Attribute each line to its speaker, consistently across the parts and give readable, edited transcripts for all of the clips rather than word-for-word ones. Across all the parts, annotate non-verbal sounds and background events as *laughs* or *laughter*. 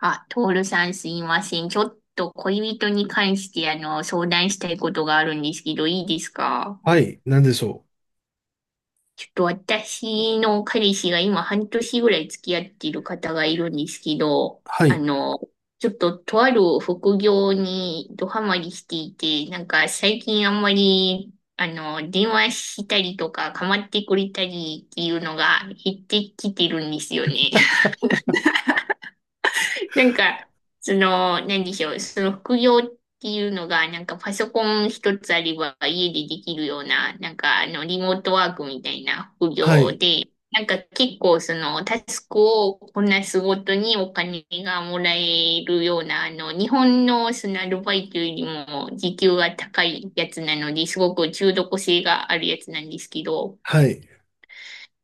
Speaker 1: あ、トールさんすいません。ちょっと恋人に関して相談したいことがあるんですけど、いいですか？
Speaker 2: はい、なんでしょう。
Speaker 1: ちょっと私の彼氏が今半年ぐらい付き合っている方がいるんですけど、
Speaker 2: はい、
Speaker 1: ちょっととある副業にドハマりしていて、なんか最近あんまり、電話したりとか構ってくれたりっていうのが減ってきてるんですよね。*laughs* なんか、その、何でしょう、その副業っていうのが、なんかパソコン一つあれば家でできるような、リモートワークみたいな副
Speaker 2: は
Speaker 1: 業
Speaker 2: い、
Speaker 1: で、なんか結構その、タスクをこなすごとにお金がもらえるような、日本のそのアルバイトよりも時給が高いやつなので、すごく中毒性があるやつなんですけど、
Speaker 2: はい。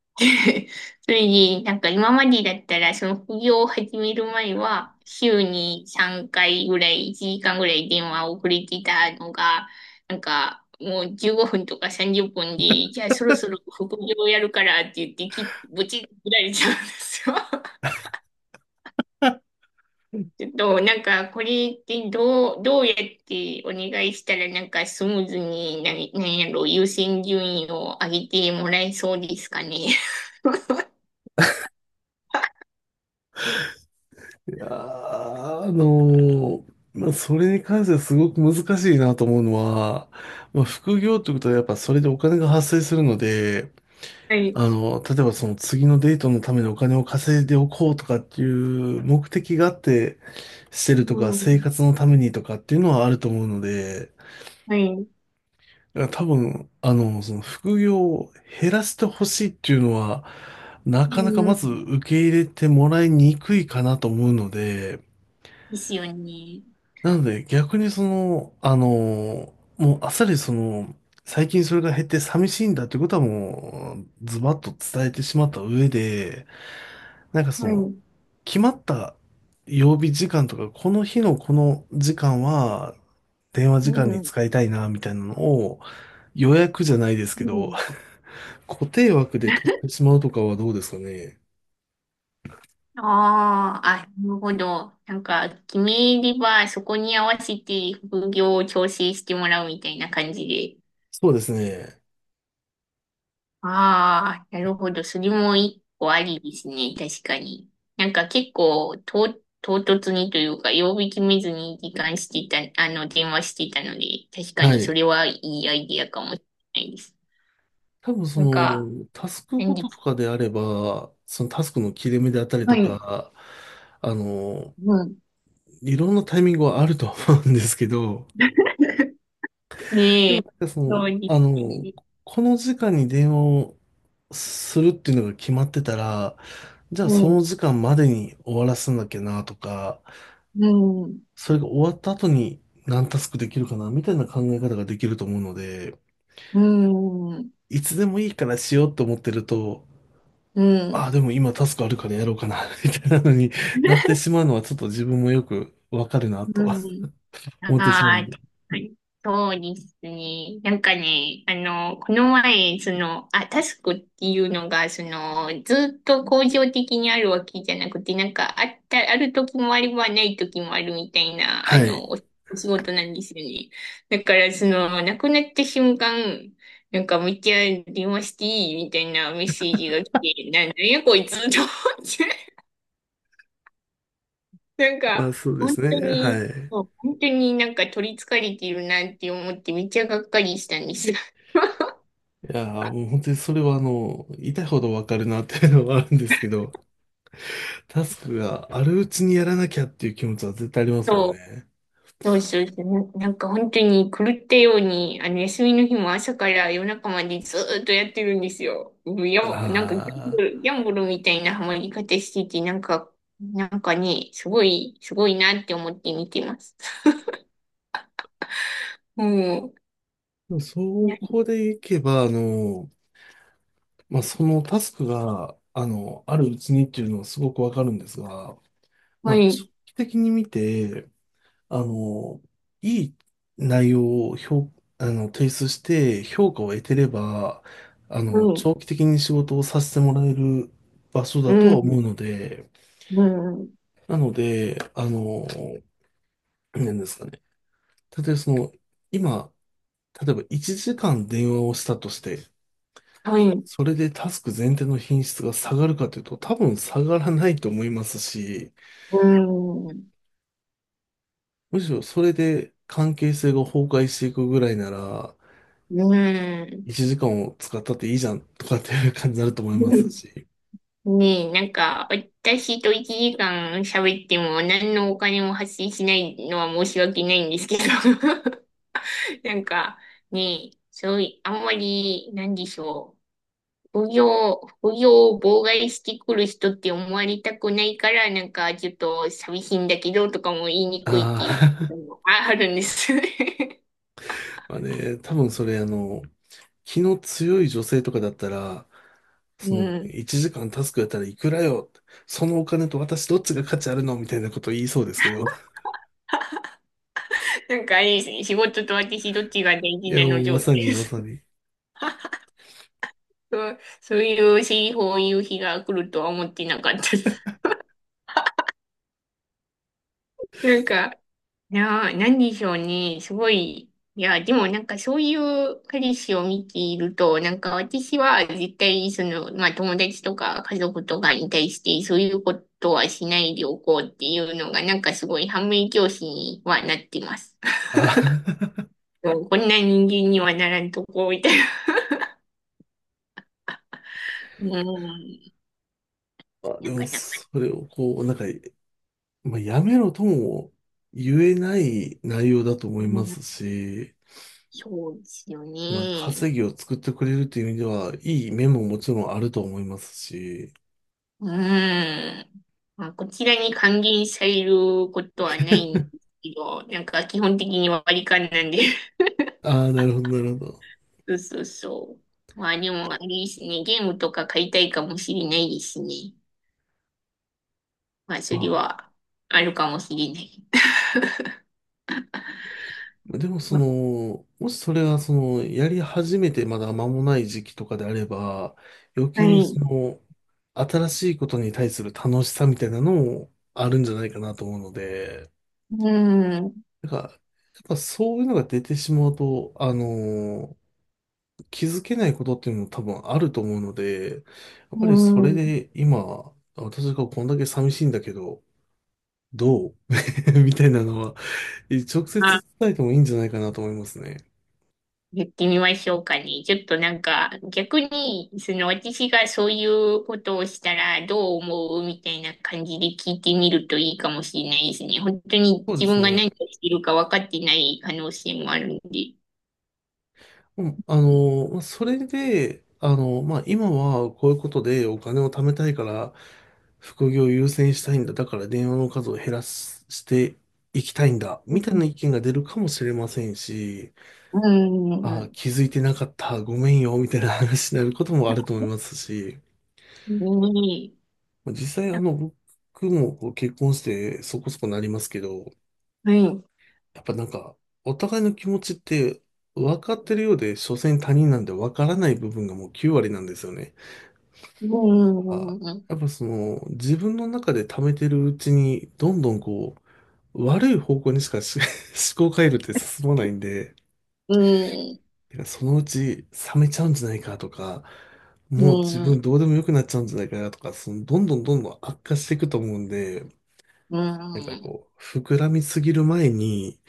Speaker 1: *laughs* それで、なんか今までだったら、その副業を始める前は、週に3回ぐらい、1時間ぐらい電話をくれてたのが、なんかもう15分とか30分で、じゃあそろそろ副業をやるからって言ってき、ぶち切られちゃうんですよ。*laughs* ちょっと、なんか、これってどうやってお願いしたら、なんかスムーズに、ななんやろ、優先順位を上げてもらえそうですかね。*laughs*
Speaker 2: いやーあのーまあ、それに関してはすごく難しいなと思うのは、まあ、副業ってことはやっぱそれでお金が発生するので、
Speaker 1: はい。
Speaker 2: 例えばその次のデートのためのお金を稼いでおこうとかっていう目的があってしてる
Speaker 1: う
Speaker 2: とか、生
Speaker 1: ん。
Speaker 2: 活のためにとかっていうのはあると思うので、
Speaker 1: はい。
Speaker 2: だから多分、その副業を減らしてほしいっていうのは、な
Speaker 1: う
Speaker 2: かなかまず
Speaker 1: ん。
Speaker 2: 受け入れてもらいにくいかなと思うので、
Speaker 1: ですよね。
Speaker 2: なので逆にその、もうあっさりその、最近それが減って寂しいんだってことはもう、ズバッと伝えてしまった上で、なんかそ
Speaker 1: は
Speaker 2: の、
Speaker 1: い。
Speaker 2: 決まった曜日時間とか、この日のこの時間は、電話
Speaker 1: う
Speaker 2: 時間に
Speaker 1: ん。
Speaker 2: 使いたいな、みたいなのを、予約じゃないです
Speaker 1: う
Speaker 2: けど、
Speaker 1: ん。
Speaker 2: 固定枠で取ってしまうとかはどうですかね。
Speaker 1: ああ、あ、なるほど。なんか、決めれば、そこに合わせて副業を調整してもらうみたいな感じで。
Speaker 2: そうですね。
Speaker 1: ああ、なるほど。それも一個ありですね。確かに。なんか結構、と、唐突にというか、曜日決めずに時間してた、あの、電話してたので、確か
Speaker 2: は
Speaker 1: にそ
Speaker 2: い。
Speaker 1: れはいいアイディアかもしれないです。
Speaker 2: 多分そ
Speaker 1: なんか、
Speaker 2: の、タスクご
Speaker 1: 何
Speaker 2: と
Speaker 1: で
Speaker 2: と
Speaker 1: す
Speaker 2: かであれば、そのタスクの切れ目であったり
Speaker 1: は
Speaker 2: と
Speaker 1: い。
Speaker 2: か、あの、
Speaker 1: うん
Speaker 2: いろんなタイミングはあるとは思うんですけど、で
Speaker 1: ね
Speaker 2: も
Speaker 1: え、
Speaker 2: なんかそ
Speaker 1: そう
Speaker 2: の、
Speaker 1: に。
Speaker 2: この時間に電話をするっていうのが決まってたら、じゃあ
Speaker 1: う
Speaker 2: その
Speaker 1: ん、
Speaker 2: 時間までに終わらせなきゃなとか、
Speaker 1: うん、
Speaker 2: それが終わった後に何タスクできるかなみたいな考え方ができると思うので、
Speaker 1: うん、
Speaker 2: いつでもいいからしようと思ってると、
Speaker 1: う
Speaker 2: ああ、
Speaker 1: ん、
Speaker 2: でも今タスクあるからやろうかな、*laughs* みたいなのに *laughs* なってしまうのはちょっと自分もよくわかるな
Speaker 1: う
Speaker 2: と
Speaker 1: ん。
Speaker 2: *laughs*
Speaker 1: あ
Speaker 2: 思ってしまうん
Speaker 1: あ、
Speaker 2: で。
Speaker 1: 確かにそうですね。なんかね、この前、その、あ、タスクっていうのが、その、ずっと恒常的にあるわけじゃなくて、なんか、あった、ある時もあればない時もあるみたいな、
Speaker 2: はい。
Speaker 1: お仕事なんですよね。だから、その、なくなった瞬間、なんか、めっちゃ電話していいみたいなメッセージが来て、なんなんやこいつと思って。なん
Speaker 2: まあ
Speaker 1: か、
Speaker 2: そうで
Speaker 1: 本
Speaker 2: す
Speaker 1: 当
Speaker 2: ね。
Speaker 1: に、
Speaker 2: はい。
Speaker 1: そう本当になんか取り憑かれているなって思って、めっちゃがっかりしたんですが。*laughs*
Speaker 2: いやー、もう本当にそれはあの、痛いほどわかるなっていうのはあるんですけど、*laughs* タスクがあるうちにやらなきゃっていう気持ちは絶対ありますもん
Speaker 1: そ
Speaker 2: ね。
Speaker 1: そうそうそう、なんか本当に狂ったように、休みの日も朝から夜中までずーっとやってるんですよ。もうや、なんか
Speaker 2: ああ。
Speaker 1: ギャンブルみたいなハマり方してて、なんか、なんかね、すごいなって思って見てます。*laughs* も
Speaker 2: でもそ
Speaker 1: う、ね
Speaker 2: こでいけば、まあそのタスクが、あるうちにっていうのはすごくわかるんですが、ま
Speaker 1: は
Speaker 2: あ、長
Speaker 1: い、
Speaker 2: 期的に見て、あの、いい内容を評、あの、提出して評価を得てれば、あ
Speaker 1: は
Speaker 2: の、
Speaker 1: い、
Speaker 2: 長期的に仕事をさせてもらえる場所
Speaker 1: う
Speaker 2: だとは思う
Speaker 1: ん、
Speaker 2: ので、
Speaker 1: うん、
Speaker 2: なので、なんですかね。例えばその、今、例えば1時間電話をしたとして、
Speaker 1: はい、
Speaker 2: それでタスク全体の品質が下がるかというと、多分下がらないと思いますし、
Speaker 1: うん、
Speaker 2: むしろそれで関係性が崩壊していくぐらいなら、
Speaker 1: うん。
Speaker 2: 1時間を使ったっていいじゃんとかっていう感じになると思いま
Speaker 1: う
Speaker 2: す
Speaker 1: ん
Speaker 2: し。
Speaker 1: ねえ、なんか、私と1時間喋っても何のお金も発生しないのは申し訳ないんですけど。*laughs* なんか、ねえ、そういあんまり、なんでしょう。副業を妨害してくる人って思われたくないから、なんか、ちょっと寂しいんだけど、とかも言いに
Speaker 2: あ
Speaker 1: くいっていう
Speaker 2: あ。
Speaker 1: のもあるんですよね。
Speaker 2: *laughs* まあね、多分それあの、気の強い女性とかだったら、
Speaker 1: *laughs*
Speaker 2: そ
Speaker 1: う
Speaker 2: の
Speaker 1: ん。
Speaker 2: 1時間タスクやったらいくらよ、そのお金と私どっちが価値あるのみたいなこと言いそうですけど、*laughs*
Speaker 1: なんかあれですね、仕事と私どっちが大
Speaker 2: い
Speaker 1: 事
Speaker 2: や
Speaker 1: な
Speaker 2: も
Speaker 1: の
Speaker 2: うま
Speaker 1: 状態
Speaker 2: さに
Speaker 1: で
Speaker 2: ま
Speaker 1: す。
Speaker 2: さに。
Speaker 1: そうそういう日、そういう日が来るとは思ってなかったです。*laughs* なんか、なあ、何でしょうね。すごい。いや、でもなんかそういう彼氏を見ていると、なんか私は絶対その、まあ友達とか家族とかに対してそういうことはしないでおこうっていうのがなんかすごい反面教師にはなってます。*laughs*
Speaker 2: あー。
Speaker 1: そうこんな人間にはならんとこ、みたいな。うん。
Speaker 2: *laughs* まあで
Speaker 1: なか
Speaker 2: も
Speaker 1: なか。
Speaker 2: それをこう、なんか、まあ、やめろとも言えない内容だと思
Speaker 1: う
Speaker 2: いま
Speaker 1: ん、
Speaker 2: すし、
Speaker 1: そうですよ
Speaker 2: まあ、
Speaker 1: ね。
Speaker 2: 稼ぎを作ってくれるという意味では、いい面ももちろんあると思いますし、
Speaker 1: うーん。まあ、こちらに還元されることはないんですけど、なんか基本的に割り勘なんで。*laughs*
Speaker 2: ああ、なるほど、なるほど。
Speaker 1: そうそうそう。まあでも、あれですね。ゲームとか買いたいかもしれないですね。まあ、それ
Speaker 2: ま
Speaker 1: はあるかもしれない。*laughs*
Speaker 2: あ、でも、その、もしそれが、その、やり始めてまだ間もない時期とかであれば、余
Speaker 1: は
Speaker 2: 計に
Speaker 1: い。
Speaker 2: その、新しいことに対する楽しさみたいなのもあるんじゃないかなと思うので、
Speaker 1: うーん。
Speaker 2: なんか、やっぱそういうのが出てしまうと、あの気づけないことっていうのも多分あると思うので、やっ
Speaker 1: う
Speaker 2: ぱりそ
Speaker 1: ー
Speaker 2: れ
Speaker 1: ん。
Speaker 2: で今、私がこんだけ寂しいんだけど、どう *laughs* みたいなのは、直接伝えてもいいんじゃないかなと思いますね。
Speaker 1: やってみましょうかね。ちょっとなんか、逆に、その私がそういうことをしたらどう思うみたいな感じで聞いてみるといいかもしれないですね。本当に
Speaker 2: そうで
Speaker 1: 自
Speaker 2: す
Speaker 1: 分が何を
Speaker 2: ね。
Speaker 1: しているか分かってない可能性もあるんで。
Speaker 2: うんまあそれで、まあ、今はこういうことでお金を貯めたいから、副業を優先したいんだ。だから電話の数を減らすしていきたいんだ。
Speaker 1: う
Speaker 2: みたいな
Speaker 1: ん。
Speaker 2: 意見が出るかもしれませんし、
Speaker 1: う
Speaker 2: あ、
Speaker 1: ん。
Speaker 2: 気づいてなかった、ごめんよ、みたいな話になることもあると思いますし、
Speaker 1: うんうんねえ
Speaker 2: まあ実際あの、僕もこう結婚してそこそこなりますけど、
Speaker 1: はい。
Speaker 2: やっぱなんか、お互いの気持ちって分かってるようで、所詮他人なんで分からない部分がもう9割なんですよね。
Speaker 1: う
Speaker 2: あ、
Speaker 1: ん。うん。
Speaker 2: やっぱその、自分の中で溜めてるうちに、どんどんこう、悪い方向にしかし *laughs* 思考回路って進まないんで、
Speaker 1: うん。
Speaker 2: てかそのうち冷めちゃうんじゃないかとか、
Speaker 1: う
Speaker 2: もう自分
Speaker 1: ん。
Speaker 2: どうでもよくなっちゃうんじゃないかなとか、そのどんどんどんどん悪化していくと思うんで、
Speaker 1: う
Speaker 2: なん
Speaker 1: ん。
Speaker 2: か
Speaker 1: う
Speaker 2: こう、膨らみすぎる前に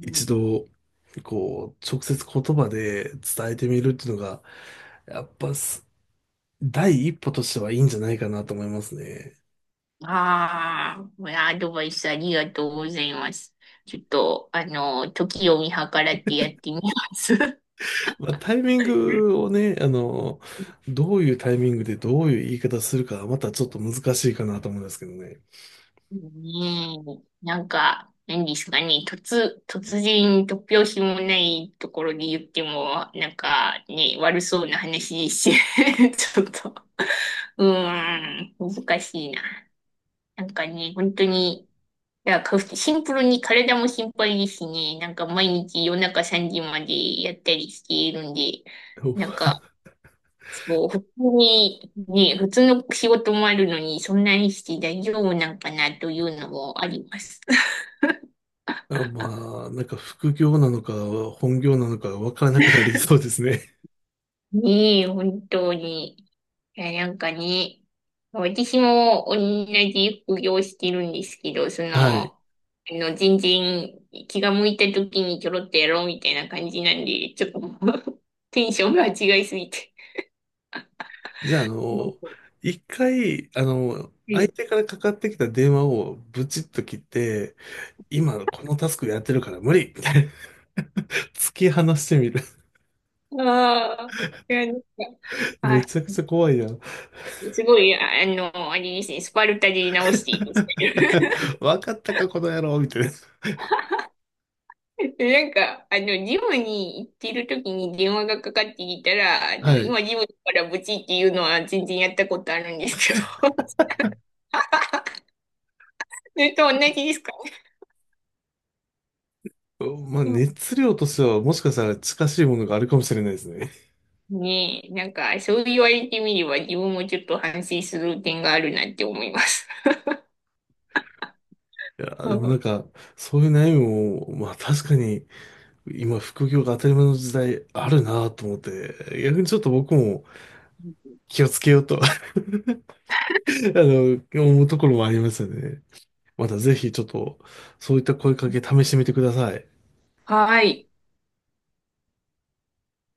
Speaker 2: 一度、こう、直接言葉で伝えてみるっていうのが、やっぱす第一歩としてはいいんじゃないかなと思いますね。
Speaker 1: ああ、いやアドバイスありがとうございます。ちょっと、あの、時を見計らってやってみます。*laughs*
Speaker 2: まあ、タイミングをね、どういうタイミングでどういう言い方するかはまたちょっと難しいかなと思うんですけどね。
Speaker 1: ねえ、なんか、何ですかね、突拍子もないところで言っても、なんかね、悪そうな話ですし、*laughs* ちょっと、うーん、難しいな。なんかね、本当に、シンプルに体も心配ですしね。なんか毎日夜中3時までやったりしているんで、なんか、そう、普通に、ね、普通の仕事もあるのに、そんなにして大丈夫なんかなというのもあります。
Speaker 2: あまあ、なんか副業なのか本業なのかわからなくなりそうですね。
Speaker 1: ねえ、本当に。いや、なんかね、私も同じ副業してるんですけど、その、
Speaker 2: *laughs* はい。
Speaker 1: あ全然気が向いた時にちょろっとやろうみたいな感じなんで、ちょっともう *laughs* テンションが違いすぎて。
Speaker 2: じゃあ、
Speaker 1: う
Speaker 2: 一回、相手
Speaker 1: ん
Speaker 2: からかかってきた電話をブチッと切って、今このタスクやってるから無理みたいな、*laughs* 突き放してみる。
Speaker 1: ああ、いや、なんか、
Speaker 2: *laughs* め
Speaker 1: あ、
Speaker 2: ちゃくちゃ怖いやん。
Speaker 1: すごい、あれですね、スパルタで直していいですね
Speaker 2: *laughs* わかったか、この野郎みたいな。
Speaker 1: *laughs* なんか、ジムに行ってる時に電話がかかってきたら、
Speaker 2: はい。
Speaker 1: 今ジムからブチっていうのは全然やったことあるんですけど、*laughs* それと同じですかね。
Speaker 2: まあ、
Speaker 1: うん
Speaker 2: 熱量としてはもしかしたら近しいものがあるかもしれないですね。
Speaker 1: ねえ、なんか、そう言われてみれば自分もちょっと反省する点があるなって思います。
Speaker 2: い
Speaker 1: *laughs*
Speaker 2: や、
Speaker 1: う
Speaker 2: でもな
Speaker 1: ん
Speaker 2: んか、そういう悩みも、まあ確かに、今、副業が当たり前の時代あるなと思って、逆にちょっと僕も気をつけようと *laughs* の、思うところもありますよね。またぜひちょっと、そういった声かけ試してみてください。
Speaker 1: はい。